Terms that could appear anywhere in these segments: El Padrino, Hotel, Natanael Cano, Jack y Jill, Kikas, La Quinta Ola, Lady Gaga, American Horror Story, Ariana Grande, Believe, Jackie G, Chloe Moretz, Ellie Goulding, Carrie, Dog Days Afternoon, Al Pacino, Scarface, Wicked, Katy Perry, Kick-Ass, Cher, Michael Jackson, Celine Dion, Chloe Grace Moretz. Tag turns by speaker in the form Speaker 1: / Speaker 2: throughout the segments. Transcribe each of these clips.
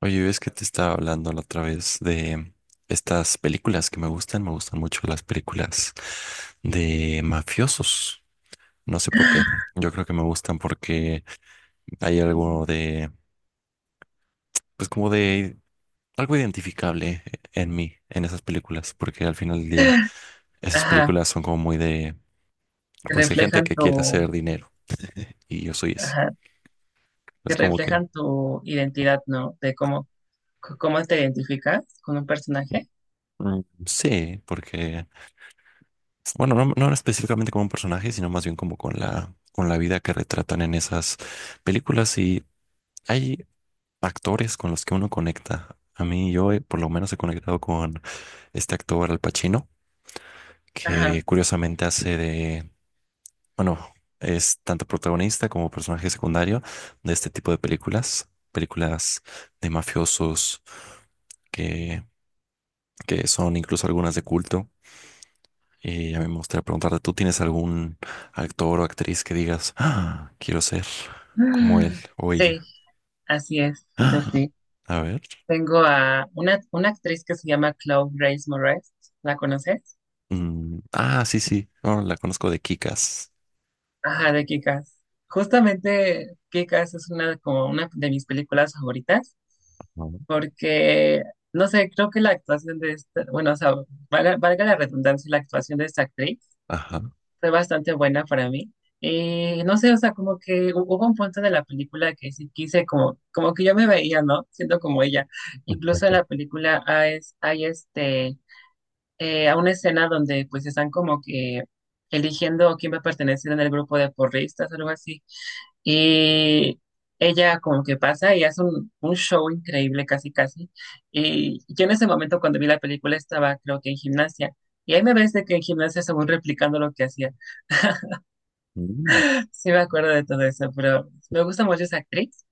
Speaker 1: Oye, ves que te estaba hablando la otra vez de estas películas que me gustan. Me gustan mucho las películas de mafiosos. No sé por qué. Yo creo que me gustan porque hay algo de, pues como de algo identificable en mí, en esas películas. Porque al final del día, esas
Speaker 2: Ajá,
Speaker 1: películas son como muy de,
Speaker 2: que
Speaker 1: pues de gente
Speaker 2: reflejan
Speaker 1: que quiere
Speaker 2: tu,
Speaker 1: hacer dinero. Y yo soy ese.
Speaker 2: ajá, que
Speaker 1: Es como que,
Speaker 2: reflejan tu identidad, ¿no? De cómo, cómo te identificas con un personaje.
Speaker 1: sí, porque bueno, no, no específicamente como un personaje, sino más bien como con con la vida que retratan en esas películas. Y hay actores con los que uno conecta. A mí, yo por lo menos he conectado con este actor Al Pacino, que
Speaker 2: Ajá.
Speaker 1: curiosamente hace de, bueno, es tanto protagonista como personaje secundario de este tipo de películas, películas de mafiosos que, que son incluso algunas de culto. Y a mí me gustaría preguntarte, ¿tú tienes algún actor o actriz que digas, "Ah, quiero ser como él o
Speaker 2: Sí,
Speaker 1: ella"?
Speaker 2: así es, yo
Speaker 1: Ah,
Speaker 2: sí.
Speaker 1: a ver.
Speaker 2: Tengo a una actriz que se llama Chloe Grace Moretz, ¿la conoces?
Speaker 1: Sí, sí, no, la conozco de Kikas.
Speaker 2: Ajá, de Kick-Ass. Justamente Kick-Ass es una, como una de mis películas favoritas
Speaker 1: ¿No?
Speaker 2: porque, no sé, creo que la actuación de esta, bueno, o sea, valga la redundancia, la actuación de esta actriz
Speaker 1: Ajá.
Speaker 2: fue bastante buena para mí. Y no sé, o sea, como que hubo un punto de la película que sí quise, como, como que yo me veía, ¿no? Siendo como ella. Incluso en la película hay, hay a una escena donde pues están como que eligiendo quién va a pertenecer en el grupo de porristas, algo así. Y ella como que pasa y hace un show increíble, casi, casi. Y yo en ese momento cuando vi la película estaba, creo que en gimnasia. Y ahí me ves de que en gimnasia según replicando lo que hacía.
Speaker 1: Mm.
Speaker 2: Sí me acuerdo de todo eso, pero me gusta mucho esa actriz,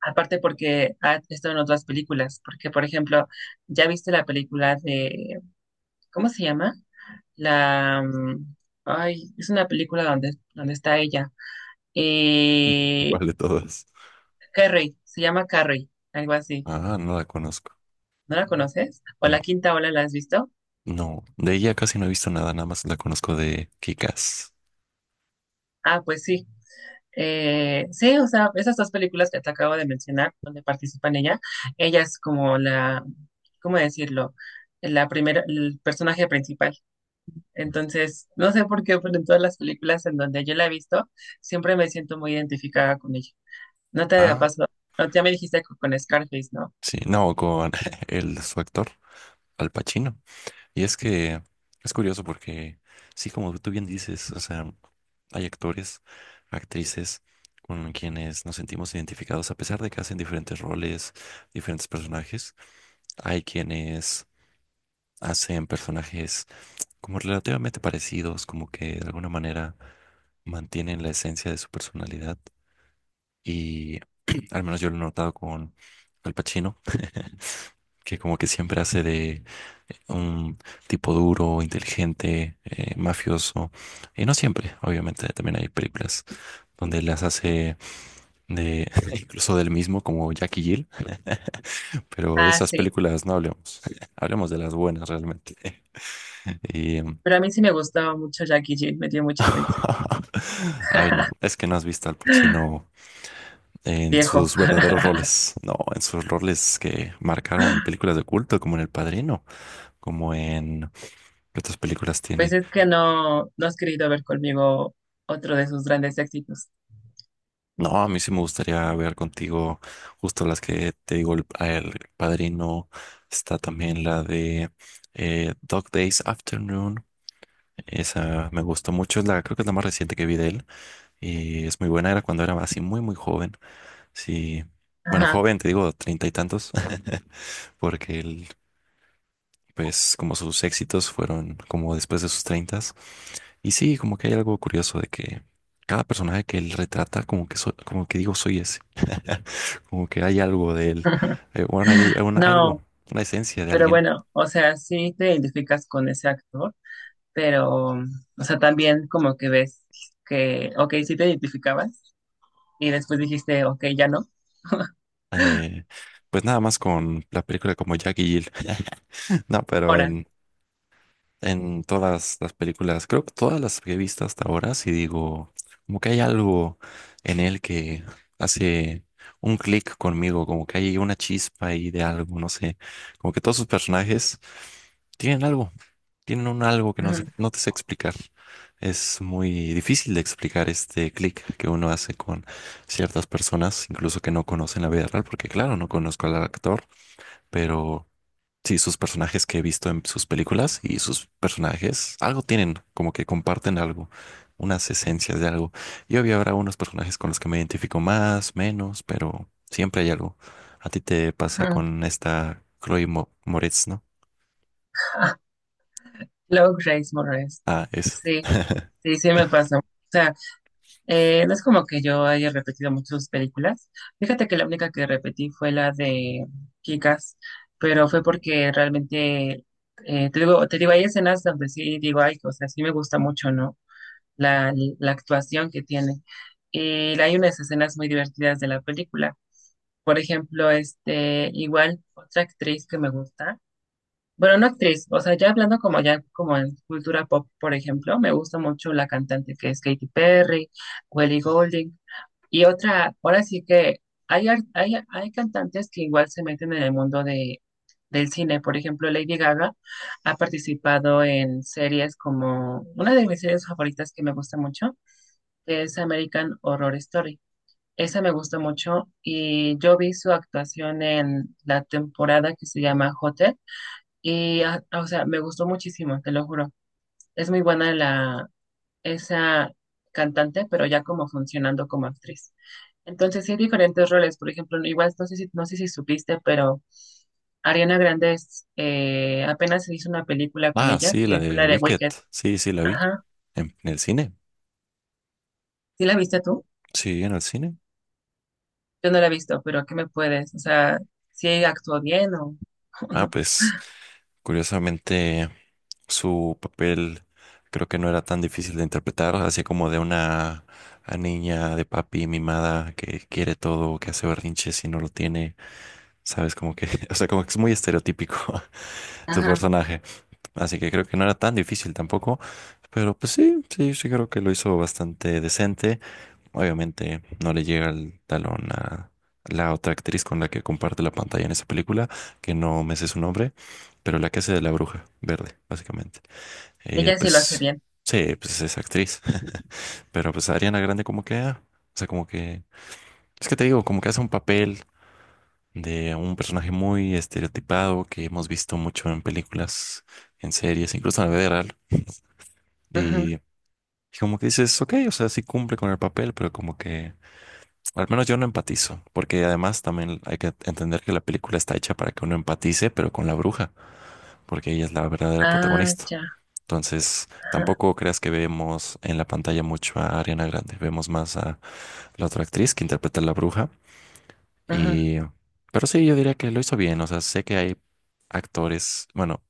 Speaker 2: aparte porque ha estado en otras películas, porque por ejemplo, ya viste la película de, ¿cómo se llama? La, ay, es una película donde está ella. Eh,
Speaker 1: ¿Cuál de todas?
Speaker 2: Carrie, se llama Carrie, algo así.
Speaker 1: Ah, no la conozco.
Speaker 2: ¿No la conoces? ¿O
Speaker 1: No,
Speaker 2: La Quinta Ola la has visto?
Speaker 1: no. De ella casi no he visto nada, nada más la conozco de Kikas.
Speaker 2: Ah, pues sí. Sí, o sea, esas dos películas que te acabo de mencionar, donde participa en ella, ella es como la, ¿cómo decirlo? La primera, el personaje principal. Entonces, no sé por qué, pero en todas las películas en donde yo la he visto, siempre me siento muy identificada con ella. No te la
Speaker 1: Ah,
Speaker 2: paso, no, ya me dijiste con Scarface, ¿no?
Speaker 1: sí. No, con el, su actor, Al Pacino. Y es que es curioso porque, sí, como tú bien dices, o sea, hay actores, actrices con quienes nos sentimos identificados, a pesar de que hacen diferentes roles, diferentes personajes. Hay quienes hacen personajes como relativamente parecidos, como que de alguna manera mantienen la esencia de su personalidad. Y al menos yo lo he notado con Al Pacino. Que como que siempre hace de un tipo duro, inteligente, mafioso. Y no siempre, obviamente, también hay películas donde las hace de incluso del mismo como Jackie Gill, pero de
Speaker 2: Ah,
Speaker 1: esas
Speaker 2: sí,
Speaker 1: películas no hablemos. Hablemos de las buenas realmente. Y
Speaker 2: pero a mí sí me gustaba mucho Jackie G, me dio mucha risa,
Speaker 1: ay, no, es que no has visto al Pacino en
Speaker 2: viejo.
Speaker 1: sus verdaderos roles. No, en sus roles que marcaron películas de culto, como en El Padrino, como en ¿qué otras películas
Speaker 2: Pues
Speaker 1: tiene?
Speaker 2: es que no has querido ver conmigo otro de sus grandes éxitos.
Speaker 1: No, a mí sí me gustaría ver contigo justo las que te digo, el Padrino, está también la de Dog Days Afternoon, esa me gustó mucho, es la, creo que es la más reciente que vi de él y es muy buena, era cuando era así muy muy joven, sí, bueno,
Speaker 2: Ajá.
Speaker 1: joven, te digo, treinta y tantos, porque él pues como sus éxitos fueron como después de sus treintas. Y sí, como que hay algo curioso de que cada personaje que él retrata, como que, so- como que digo, soy ese. Como que hay algo de él. Bueno, hay una- algo,
Speaker 2: No,
Speaker 1: una esencia de
Speaker 2: pero
Speaker 1: alguien.
Speaker 2: bueno, o sea, sí te identificas con ese actor, pero, o sea, también como que ves que, ok, sí te identificabas y después dijiste, ok, ya no,
Speaker 1: Eh, pues nada más con la película como Jack y Jill. No, pero
Speaker 2: ahora.
Speaker 1: en todas las películas, creo que todas las que he visto hasta ahora, si digo, como que hay algo en él que hace un clic conmigo, como que hay una chispa ahí de algo, no sé, como que todos sus personajes tienen algo, tienen un algo que no sé-
Speaker 2: Ujú,
Speaker 1: no te sé explicar. Es muy difícil de explicar este clic que uno hace con ciertas personas, incluso que no conocen la vida real, porque claro, no conozco al actor, pero sí, sus personajes que he visto en sus películas y sus personajes algo tienen, como que comparten algo, unas esencias de algo. Y obvio habrá unos personajes con los que me identifico más, menos, pero siempre hay algo. A ti te pasa
Speaker 2: ujú.
Speaker 1: con esta Chloe Mo- Moretz, ¿no?
Speaker 2: Low Grace Moretz.
Speaker 1: Ah, es.
Speaker 2: Sí, sí me pasó. O sea, no es como que yo haya repetido muchas películas. Fíjate que la única que repetí fue la de Kikas, pero fue porque realmente, te digo, hay escenas donde sí digo, ay, o sea, sí me gusta mucho, ¿no? la, la actuación que tiene. Y hay unas escenas muy divertidas de la película. Por ejemplo, este, igual otra actriz que me gusta. Bueno, no actriz, o sea, ya hablando como en cultura pop, por ejemplo, me gusta mucho la cantante que es Katy Perry, Ellie Goulding. Y otra, ahora sí que hay cantantes que igual se meten en el mundo de, del cine. Por ejemplo, Lady Gaga ha participado en series como una de mis series favoritas que me gusta mucho que es American Horror Story. Esa me gustó mucho y yo vi su actuación en la temporada que se llama Hotel y, ah, o sea, me gustó muchísimo, te lo juro. Es muy buena la, esa cantante, pero ya como funcionando como actriz. Entonces, sí hay diferentes roles. Por ejemplo, igual no sé si supiste, pero Ariana Grande es, apenas se hizo una película con
Speaker 1: Ah,
Speaker 2: ella,
Speaker 1: sí, la
Speaker 2: que fue
Speaker 1: de
Speaker 2: la de
Speaker 1: Wicked.
Speaker 2: Wicked.
Speaker 1: Sí, sí, la vi.
Speaker 2: Ajá.
Speaker 1: En el cine.
Speaker 2: ¿Sí la viste tú?
Speaker 1: Sí, en el cine.
Speaker 2: Yo no la he visto, pero ¿qué me puedes? O sea, si actuó bien o, o
Speaker 1: Ah,
Speaker 2: no.
Speaker 1: pues, curiosamente, su papel creo que no era tan difícil de interpretar, así como de una a niña de papi mimada que quiere todo, que hace berrinches y no lo tiene, sabes, como que, o sea, como que es muy estereotípico su
Speaker 2: Ajá.
Speaker 1: personaje. Así que creo que no era tan difícil tampoco, pero pues sí, sí, sí creo que lo hizo bastante decente. Obviamente no le llega el talón a la otra actriz con la que comparte la pantalla en esa película, que no me sé su nombre, pero la que hace de la bruja verde, básicamente. Ella
Speaker 2: Ella sí lo hace
Speaker 1: pues,
Speaker 2: bien.
Speaker 1: sí, pues es actriz, pero pues Ariana Grande como que, ah, o sea, como que, es que te digo, como que hace un papel de un personaje muy estereotipado que hemos visto mucho en películas, en series, incluso en la vida real.
Speaker 2: Ajá.
Speaker 1: Y, como que dices, ok, o sea, sí cumple con el papel, pero como que, al menos yo no empatizo, porque además también hay que entender que la película está hecha para que uno empatice, pero con la bruja, porque ella es la verdadera
Speaker 2: Ah,
Speaker 1: protagonista.
Speaker 2: ya.
Speaker 1: Entonces,
Speaker 2: Ajá.
Speaker 1: tampoco creas que vemos en la pantalla mucho a Ariana Grande, vemos más a la otra actriz que interpreta a la bruja.
Speaker 2: Ajá.
Speaker 1: Y, pero sí, yo diría que lo hizo bien, o sea, sé que hay actores, bueno,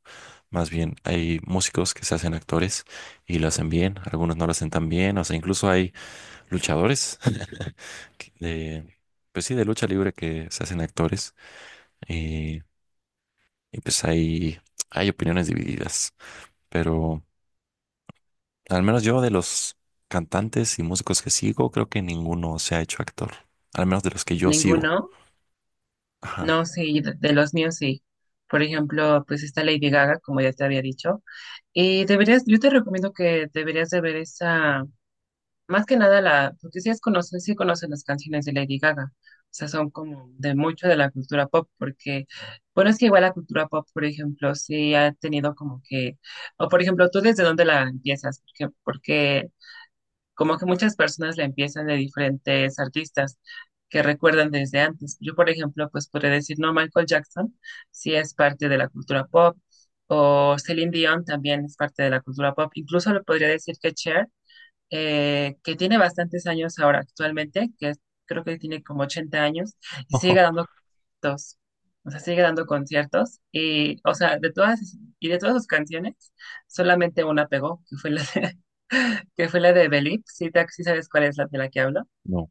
Speaker 1: más bien hay músicos que se hacen actores y lo hacen bien, algunos no lo hacen tan bien, o sea, incluso hay luchadores que- de, pues sí, de lucha libre que se hacen actores y, y pues hay opiniones divididas, pero... Al menos yo de los cantantes y músicos que sigo, creo que ninguno se ha hecho actor. Al menos de los que yo sigo.
Speaker 2: ¿Ninguno?
Speaker 1: Ajá.
Speaker 2: No, sí, de los míos sí. Por ejemplo, pues está Lady Gaga, como ya te había dicho. Y deberías, yo te recomiendo que deberías de ver esa. Más que nada, la, porque sí, es conoce, sí conocen las canciones de Lady Gaga, o sea, son como de mucho de la cultura pop, porque, bueno, es que igual la cultura pop, por ejemplo, sí ha tenido como que, o por ejemplo, ¿tú desde dónde la empiezas? Porque, como que muchas personas la empiezan de diferentes artistas que recuerdan desde antes. Yo, por ejemplo, pues podría decir, no, Michael Jackson sí es parte de la cultura pop, o Celine Dion también es parte de la cultura pop, incluso le podría decir que Cher que tiene bastantes años ahora actualmente, creo que tiene como 80 años, y sigue
Speaker 1: Ojo.
Speaker 2: dando conciertos. O sea, sigue dando conciertos. Y, o sea, y de todas sus canciones, solamente una pegó, que fue la de, que fue la de Believe. ¿Si sabes cuál es la de la que hablo?
Speaker 1: No.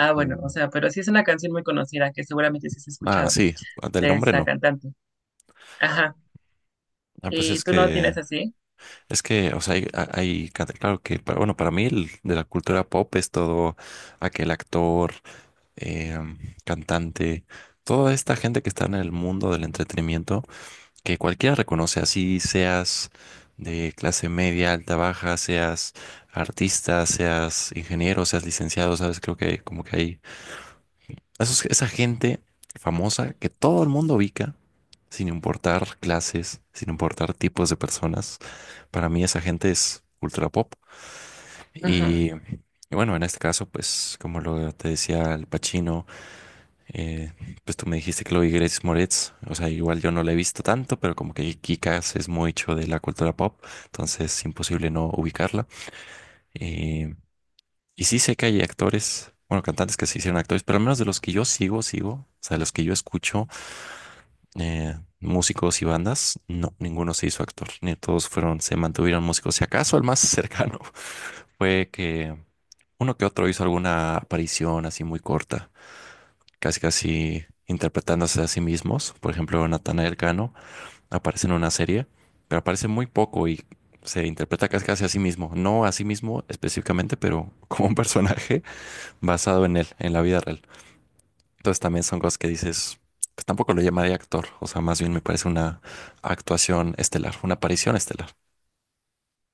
Speaker 2: Ah, bueno, o
Speaker 1: Mm.
Speaker 2: sea, pero sí es una canción muy conocida que seguramente sí has
Speaker 1: Ah,
Speaker 2: escuchado
Speaker 1: sí, del
Speaker 2: de
Speaker 1: nombre
Speaker 2: esa
Speaker 1: no.
Speaker 2: cantante. Ajá.
Speaker 1: Ah, pues
Speaker 2: ¿Y
Speaker 1: es
Speaker 2: tú no tienes así?
Speaker 1: es que, o sea, hay canta- claro que, para- bueno, para mí el de la cultura pop es todo aquel actor, em, cantante, toda esta gente que está en el mundo del entretenimiento, que cualquiera reconoce, así seas de clase media, alta, baja, seas artista, seas ingeniero, seas licenciado, ¿sabes? Creo que como que hay esos- esa gente famosa que todo el mundo ubica, sin importar clases, sin importar tipos de personas. Para mí esa gente es ultra pop. Y bueno, en este caso, pues como lo te decía, Al Pacino. Eh, pues tú me dijiste que lo vi Grace Moretz, o sea, igual yo no la he visto tanto, pero como que Kikas es mucho de la cultura pop, entonces es imposible no ubicarla. Eh, y sí sé que hay actores, bueno, cantantes que se hicieron actores, pero al menos de los que yo sigo, o sea, de los que yo escucho, músicos y bandas, no, ninguno se hizo actor, ni todos fueron, se mantuvieron músicos. Si acaso el más cercano fue que uno que otro hizo alguna aparición así muy corta casi casi interpretándose a sí mismos. Por ejemplo, Natanael Cano aparece en una serie, pero aparece muy poco y se interpreta casi casi a sí mismo. No a sí mismo específicamente, pero como un personaje basado en él, en la vida real. Entonces también son cosas que dices, pues tampoco lo llamaría actor, o sea, más bien me parece una actuación estelar, una aparición estelar.